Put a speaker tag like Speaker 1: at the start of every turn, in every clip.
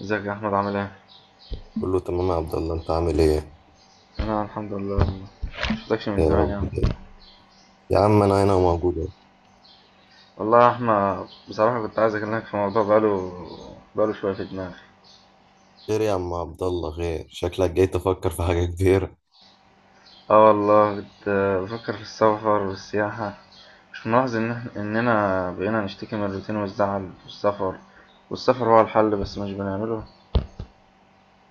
Speaker 1: ازيك يا احمد؟ عامل ايه؟
Speaker 2: بقول له تمام يا عبد الله، انت عامل ايه؟
Speaker 1: انا الحمد لله والله. مشفتكش من
Speaker 2: يا
Speaker 1: زمان يا
Speaker 2: رب
Speaker 1: عم.
Speaker 2: خير. يا عم انا هنا موجود اهو.
Speaker 1: والله يا احمد بصراحه كنت عايز اكلمك في موضوع بقاله شويه في دماغي.
Speaker 2: خير يا عم عبد الله، خير، شكلك جاي تفكر في حاجه كبيره.
Speaker 1: اه والله كنت بفكر في السفر والسياحه. مش ملاحظ ان اننا بقينا نشتكي من الروتين والزعل والسفر، والسفر هو الحل بس مش بنعمله.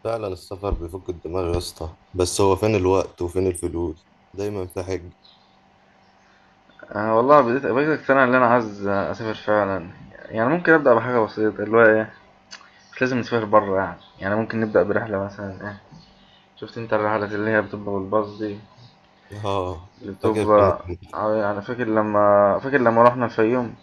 Speaker 2: فعلا السفر بيفك الدماغ يا اسطى، بس هو فين الوقت وفين الفلوس؟ دايما في حج.
Speaker 1: أه والله بديت بقيت اقتنع ان انا عايز اسافر فعلا. يعني ممكن ابدا بحاجه بسيطه اللي هو ايه، مش لازم نسافر بره، يعني ممكن نبدا برحله مثلا ايه. شفت انت الرحلات اللي هي بتبقى بالباص دي،
Speaker 2: اه،
Speaker 1: اللي
Speaker 2: فاكر كانت.
Speaker 1: بتبقى، أيوة أنا فاكر، لما روحنا الفيوم.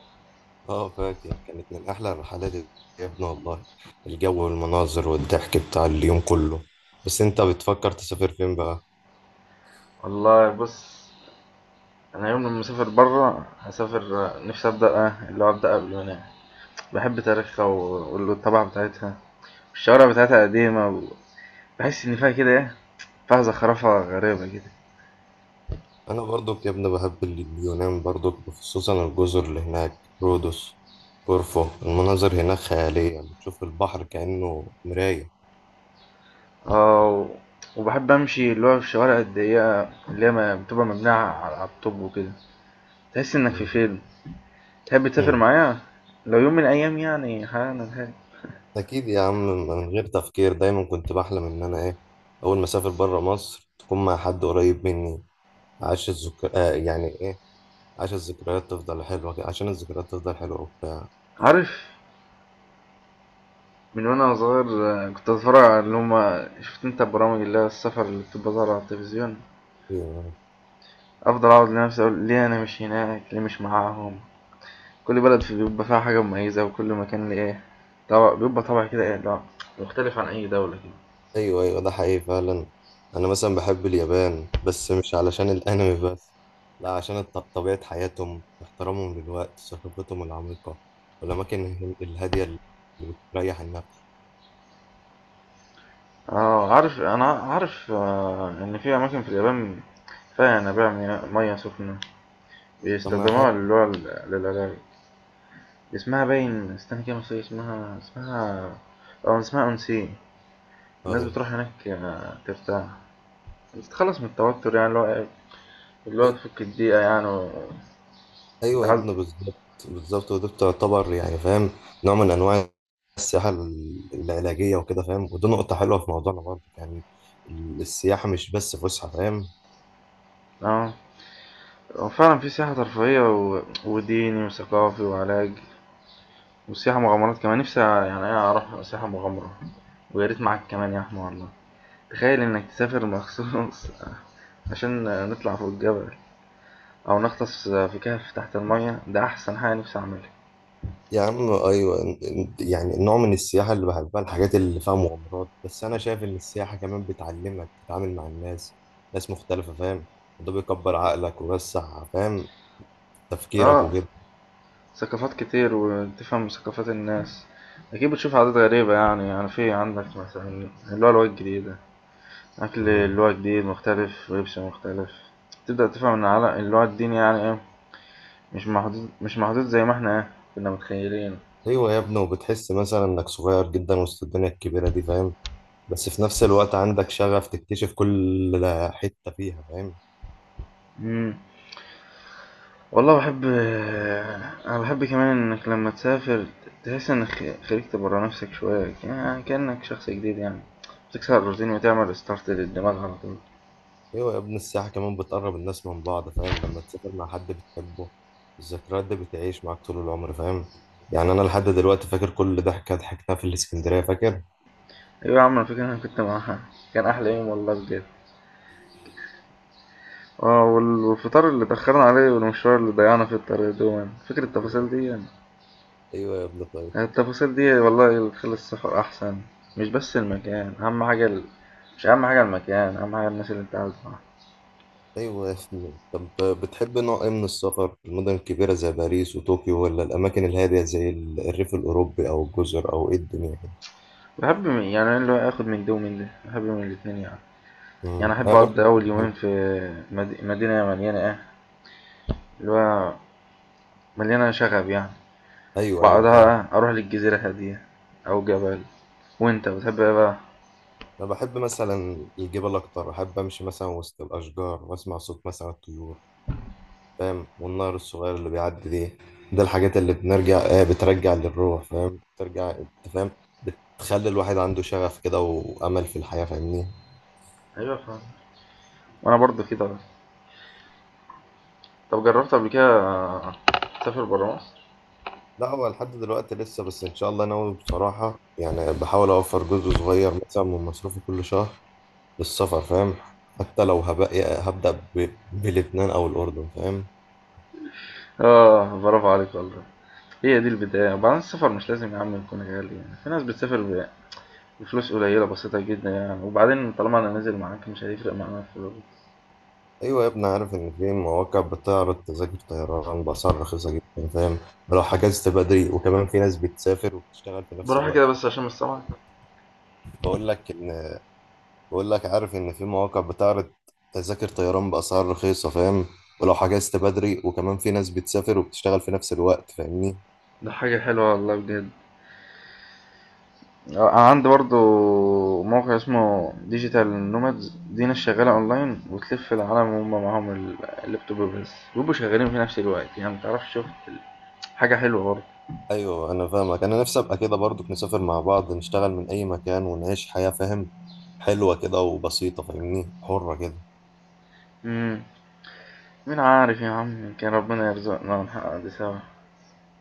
Speaker 2: اه فاكر كانت من احلى الرحلات، يا ابني والله. الجو والمناظر والضحك بتاع اليوم كله. بس انت بتفكر تسافر فين بقى؟
Speaker 1: والله بص، أنا يوم لما أسافر برا هسافر. نفسي أبدأ، اللي هو أبدأ قبل ما أنام. بحب تاريخها والطبع بتاعتها. الشوارع بتاعتها قديمة بحس إن فيها كده إيه، فيها زخرفة غريبة كده.
Speaker 2: انا برضك يا ابني بحب اليونان برضك، خصوصا الجزر اللي هناك، رودوس، كورفو. المناظر هناك خيالية، بتشوف البحر كأنه مراية.
Speaker 1: اه، وبحب أمشي اللي هو في الشوارع الضيقة، اللي هي بتبقى مبنية على الطوب وكده. تحس إنك في
Speaker 2: مم.
Speaker 1: فيلم. تحب تسافر
Speaker 2: مم.
Speaker 1: معايا لو يوم من الأيام يعني؟ أنا
Speaker 2: اكيد يا عم، من غير تفكير دايما كنت بحلم ان انا ايه، اول ما اسافر بره مصر تكون مع حد قريب مني. عاش الذكر، يعني ايه، عاش الذكريات تفضل حلوة عشان الذكريات تفضل حلوة وبتاع.
Speaker 1: عارف. من وانا صغير، كنت اتفرج على اللي هما شفت انت برامج اللي هي السفر اللي بتبقى طالعة على التلفزيون.
Speaker 2: أيوة.
Speaker 1: افضل اقعد لنفسي اقول ليه انا مش هناك، ليه مش معاهم. كل بلد في بيبقى فيها حاجة مميزة، وكل مكان ليه ايه، طبع بيبقى طبع كده ايه، لا مختلف عن اي دولة كده.
Speaker 2: ايوه ايوه، ده حقيقي فعلا. انا مثلا بحب اليابان، بس مش علشان الانمي بس. لا، عشان طبيعة حياتهم، احترامهم للوقت، ثقافتهم العميقة، والاماكن الهادية اللي بتريح النفس.
Speaker 1: اه عارف، انا عارف، ان في اماكن في اليابان فيها ينابيع مية سخنة
Speaker 2: طب ما
Speaker 1: بيستخدموها
Speaker 2: حاجة.
Speaker 1: اللي هو للعلاج. اسمها باين، استنى كده نسيت اسمها، اسمها اونسين. الناس
Speaker 2: ايوه.
Speaker 1: بتروح هناك، ترتاح، بتتخلص من التوتر يعني اللي هو إيه، اللي هو
Speaker 2: أي-
Speaker 1: تفك الضيقة يعني
Speaker 2: ايوه يا
Speaker 1: وتتعز.
Speaker 2: ابني، بالظبط. بالظبط، وده بتعتبر يعني فاهم، نوع من انواع السياحة العلاجية وكده فاهم، ودي نقطة حلوة في موضوعنا برضه يعني. السياحة مش بس فسحة فاهم.
Speaker 1: اه، هو فعلا في سياحة ترفيهية وديني وثقافي وعلاج وسياحة مغامرات كمان. نفسي يعني ايه اروح سياحة مغامرة، ويا ريت معاك كمان يا احمد والله. تخيل انك تسافر مخصوص عشان نطلع فوق الجبل او نغطس في كهف تحت المية، ده احسن حاجة نفسي اعملها.
Speaker 2: يا عم ايوه، يعني النوع من السياحه اللي بحبها، الحاجات اللي فيها مغامرات، بس انا شايف ان السياحه كمان بتعلمك تتعامل مع الناس، ناس مختلفه فاهم. ده بيكبر عقلك ويوسع فاهم تفكيرك
Speaker 1: اه،
Speaker 2: وكده.
Speaker 1: ثقافات كتير وتفهم ثقافات الناس. أكيد بتشوف عادات غريبة، يعني في عندك مثلا اللي هو لغات جديدة، أكل
Speaker 2: مم.
Speaker 1: اللي هو جديد مختلف، ولبس مختلف. تبدأ تفهم إن على اللي هو الدين يعني إيه، مش محدود، مش محدود زي ما إحنا إيه كنا متخيلين.
Speaker 2: ايوه يا ابني، وبتحس مثلا انك صغير جدا وسط الدنيا الكبيره دي فاهم، بس في نفس الوقت عندك شغف تكتشف كل حته فيها فاهم.
Speaker 1: مم. والله بحب، أنا بحب كمان إنك لما تسافر تحس إنك خرجت برا نفسك شوية، يعني كأنك شخص جديد يعني. بتكسر الروتين وتعمل ريستارت للدماغ على طول.
Speaker 2: ايوه يا ابني، السياحه كمان بتقرب الناس من بعض فاهم، لما تسافر مع حد بتحبه، الذكريات دي بتعيش معاك طول العمر فاهم. يعني انا لحد دلوقتي فاكر كل ضحكه ضحكتها في الاسكندريه فاكر.
Speaker 1: ايوه يا عم، انا فاكر إن انا كنت معاها، كان احلى يوم والله بجد. اه، والفطار اللي اتأخرنا عليه والمشوار اللي ضيعنا في الطريق، دوما فاكر التفاصيل دي يعني.
Speaker 2: ايوه يا ابني، طيب.
Speaker 1: التفاصيل دي والله اللي تخلي السفر احسن، مش بس المكان اهم حاجة مش اهم حاجة المكان، اهم حاجة الناس اللي انت قاعد معاها.
Speaker 2: ايوه يا ابني، طب بتحب نوع ايه من السفر، المدن الكبيره زي باريس وطوكيو، ولا الاماكن الهاديه زي الريف الاوروبي او الجزر، او ايه الدنيا كده؟
Speaker 1: بحب يعني أنا اللي هو اخد من ده ومن ده، بحب من الاتنين يعني. يعني
Speaker 2: انا
Speaker 1: احب اقضي
Speaker 2: برضه
Speaker 1: اول يومين في مدينة مليانة ايه، اللي هو مليانة شغب يعني.
Speaker 2: ايوه ايوه فاهم.
Speaker 1: بعدها اروح للجزيرة هادية او جبل. وانت بتحب ايه بقى؟
Speaker 2: انا بحب مثلا الجبال اكتر، احب امشي مثلا وسط الاشجار واسمع صوت مثلا الطيور فاهم، والنهر الصغير اللي بيعدي دي، ده الحاجات اللي بنرجع بترجع للروح فاهم، بترجع انت فاهم، بتخلي الواحد عنده شغف كده وأمل في الحياة فاهمني.
Speaker 1: ايوه فاهم، وانا برضه كده. طب جربت قبل كده، تسافر برا مصر؟
Speaker 2: لا، هو لحد دلوقتي لسه، بس إن شاء الله ناوي بصراحة، يعني بحاول أوفر جزء صغير مثلا من مصروفي كل شهر للسفر فاهم. حتى لو هبقى هبدأ بلبنان أو الأردن فاهم.
Speaker 1: اه برافو عليك والله. هي دي البداية، وبعدين السفر مش لازم يا عم يكون غالي، يعني في ناس بتسافر بفلوس قليلة بسيطة جدا يعني. وبعدين طالما انا نازل معاك مش هيفرق معانا الفلوس.
Speaker 2: أيوة يا ابني، عارف إن في مواقع بتعرض تذاكر طيران بأسعار رخيصة جدا فاهم، لو حجزت بدري، وكمان في ناس بتسافر وبتشتغل في نفس
Speaker 1: بروح كده
Speaker 2: الوقت.
Speaker 1: بس عشان مش سامعك.
Speaker 2: بقول لك ان بقول لك، عارف ان في مواقع بتعرض تذاكر طيران باسعار رخيصه فاهم، ولو حجزت بدري، وكمان في ناس بتسافر وبتشتغل في نفس الوقت فاهمني.
Speaker 1: ده حاجة حلوة والله بجد. عندي برضو موقع اسمه ديجيتال نومادز، دي ناس شغالة اونلاين وتلف العالم وهم معاهم اللابتوب، بس بيبقوا شغالين في نفس الوقت يعني. متعرفش شوف، حاجة حلوة برضه.
Speaker 2: ايوه انا فاهمك، انا نفسي ابقى كده برضو، نسافر مع بعض، نشتغل من اي مكان، ونعيش حياه فاهم، حلوه كده وبسيطه فاهمني، حره كده.
Speaker 1: مم. مين عارف يا عم، يمكن ربنا يرزقنا ونحقق دي سوا،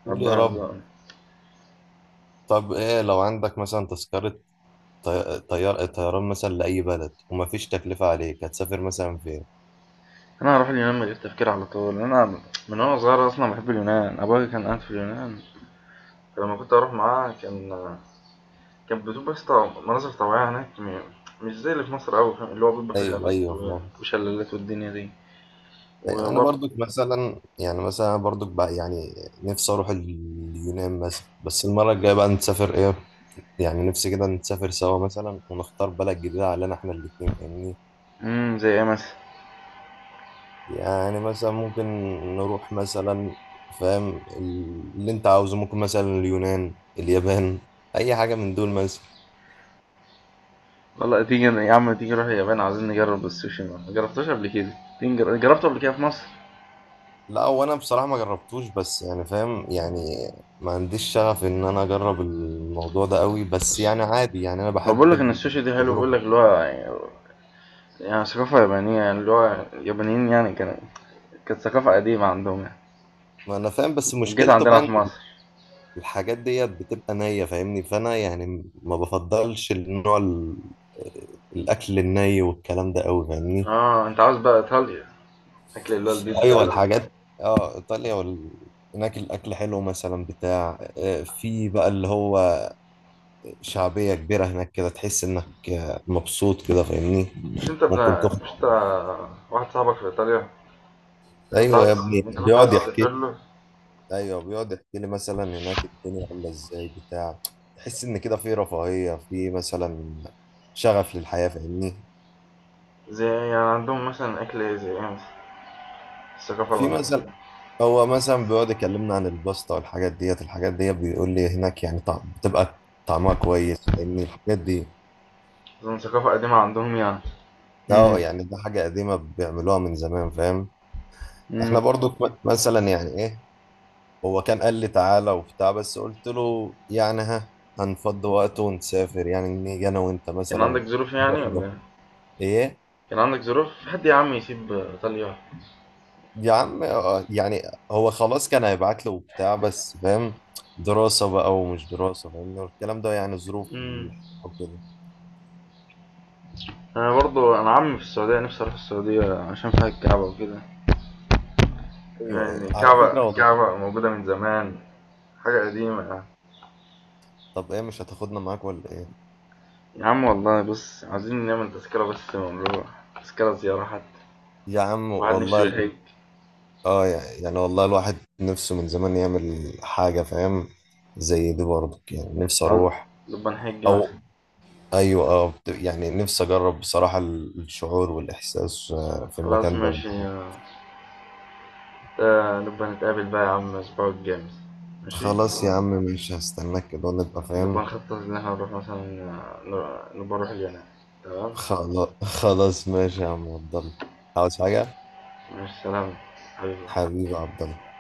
Speaker 2: قول يا
Speaker 1: ربنا
Speaker 2: رب.
Speaker 1: يرزقنا.
Speaker 2: طب ايه لو عندك مثلا تذكره طي- طيار طيران مثلا لاي بلد، ومفيش تكلفه عليك، هتسافر مثلا فين؟
Speaker 1: انا هروح اليونان من غير تفكير على طول. انا من وانا صغير اصلا بحب اليونان، ابويا كان قاعد في اليونان، فلما كنت اروح معاه كان بتبقى بس، مناظر طبيعية هناك، مش زي اللي في مصر أوي فاهم، اللي هو بيبقى فيه
Speaker 2: ايوه
Speaker 1: غابات
Speaker 2: ايوه فاهم.
Speaker 1: وشلالات والدنيا دي.
Speaker 2: انا
Speaker 1: وبرضه،
Speaker 2: برضك مثلا يعني، مثلا برضك بقى يعني، نفسي اروح اليونان مثلا، بس المره الجايه بقى نسافر ايه، يعني نفسي كده نسافر سوا مثلا، ونختار بلد جديده علينا احنا الاتنين فاهمني.
Speaker 1: زي ايه مثلا؟
Speaker 2: يعني مثلا ممكن نروح مثلا فاهم، اللي انت عاوزه، ممكن مثلا اليونان، اليابان، اي حاجه من دول مثلا.
Speaker 1: والله تيجي يا عم، تيجي نروح اليابان، عايزين نجرب السوشي، ما جربتوش قبل كده. تيجي جربته قبل كده في مصر؟
Speaker 2: لا، هو انا بصراحه ما جربتوش، بس يعني فاهم يعني، ما عنديش شغف ان انا اجرب الموضوع ده قوي، بس
Speaker 1: بس
Speaker 2: يعني عادي، يعني انا
Speaker 1: هو بقول
Speaker 2: بحب
Speaker 1: لك ان السوشي ده حلو، بقول
Speaker 2: التجربه.
Speaker 1: لك اللي هو يعني، يعني ثقافة يابانية يعني اللي هو اليابانيين يعني، كانت ثقافة قديمة عندهم يعني.
Speaker 2: ما انا فاهم، بس
Speaker 1: وجيت
Speaker 2: مشكلته
Speaker 1: عندنا
Speaker 2: بقى ان
Speaker 1: في مصر.
Speaker 2: الحاجات ديت بتبقى نية فاهمني، فانا يعني ما بفضلش النوع الاكل الني والكلام ده قوي فاهمني.
Speaker 1: اه، انت عاوز بقى ايطاليا، اكل اللي هو
Speaker 2: ايوه
Speaker 1: البيتزا.
Speaker 2: الحاجات. اه ايطاليا هناك الاكل حلو مثلا بتاع، في بقى اللي هو شعبية كبيرة هناك كده، تحس انك مبسوط كده فاهمني.
Speaker 1: مش انت
Speaker 2: ممكن
Speaker 1: ابن،
Speaker 2: تخرج.
Speaker 1: مش انت واحد صاحبك في ايطاليا، انت كنت
Speaker 2: ايوه يا
Speaker 1: عاوز،
Speaker 2: ابني،
Speaker 1: انت كنت عاوز
Speaker 2: بيقعد
Speaker 1: تسافر
Speaker 2: يحكي.
Speaker 1: له.
Speaker 2: ايوه بيقعد يحكي لي مثلا هناك الدنيا عامله ازاي بتاع، تحس ان كده في رفاهيه في مثلا شغف للحياه فاهمني.
Speaker 1: زي يعني عندهم مثلا اكل ايه، زي ايه مثلا؟ الثقافة اللي
Speaker 2: في
Speaker 1: عندهم
Speaker 2: مثلا، هو مثلا بيقعد يكلمنا عن الباستا والحاجات ديت، الحاجات ديت بيقول لي هناك يعني طعم بتبقى طعمها كويس فاهمني الحاجات دي.
Speaker 1: اظن ثقافة قديمة عندهم يعني.
Speaker 2: اه
Speaker 1: امم.
Speaker 2: يعني ده حاجه قديمه بيعملوها من زمان فاهم. احنا
Speaker 1: امم
Speaker 2: برضو مثلا يعني ايه، هو كان قال لي تعالى وبتاع، بس قلت له يعني ها هنفضي وقت ونسافر، يعني نيجي انا وانت
Speaker 1: كان
Speaker 2: مثلا
Speaker 1: عندك ظروف يعني
Speaker 2: نروح
Speaker 1: ولا
Speaker 2: ده.
Speaker 1: ايه؟
Speaker 2: ايه.
Speaker 1: كان عندك ظروف، في حد يا عم يسيب ايطاليا؟
Speaker 2: يا عم يعني هو خلاص كان هيبعت له وبتاع، بس فاهم، دراسة بقى ومش دراسة فاهم الكلام ده، يعني ظروف
Speaker 1: امم.
Speaker 2: الحياة وكده.
Speaker 1: انا برضو، انا عمي في السعودية، نفسي اروح السعودية عشان فيها الكعبة وكده.
Speaker 2: ايوه
Speaker 1: يعني
Speaker 2: ايوه، على
Speaker 1: الكعبة
Speaker 2: فكرة والله.
Speaker 1: الكعبة موجودة من زمان، حاجة قديمة.
Speaker 2: طب ايه، مش هتاخدنا معاك ولا ايه؟
Speaker 1: يا عم والله بص، عايزين نعمل تذكرة بس ونروح تذكرة زيارة حتى،
Speaker 2: يا عم
Speaker 1: واحد
Speaker 2: والله
Speaker 1: نفسه يحج.
Speaker 2: يعني والله الواحد نفسه من زمان يعمل حاجة فاهم، زي دي برضه يعني نفسي
Speaker 1: عاوز-
Speaker 2: اروح.
Speaker 1: نبقى نحج مثلا.
Speaker 2: او ايوه، اه، يعني نفسي اجرب بصراحة الشعور والاحساس في
Speaker 1: خلاص
Speaker 2: المكان ده.
Speaker 1: ماشي نبقى نتقابل بقى يا عم الأسبوع الجاي مثلا. ماشي.
Speaker 2: خلاص يا عم ماشي، هستناك كده ونبقى
Speaker 1: نبقى
Speaker 2: فاهم.
Speaker 1: نخطط إن احنا نروح مثلا، نبقى نروح اليونان. تمام.
Speaker 2: خلاص خلاص ماشي يا عم عبد الله، عاوز حاجة؟
Speaker 1: ماشي، سلام حبيبي.
Speaker 2: حبيبي يا عبد الله.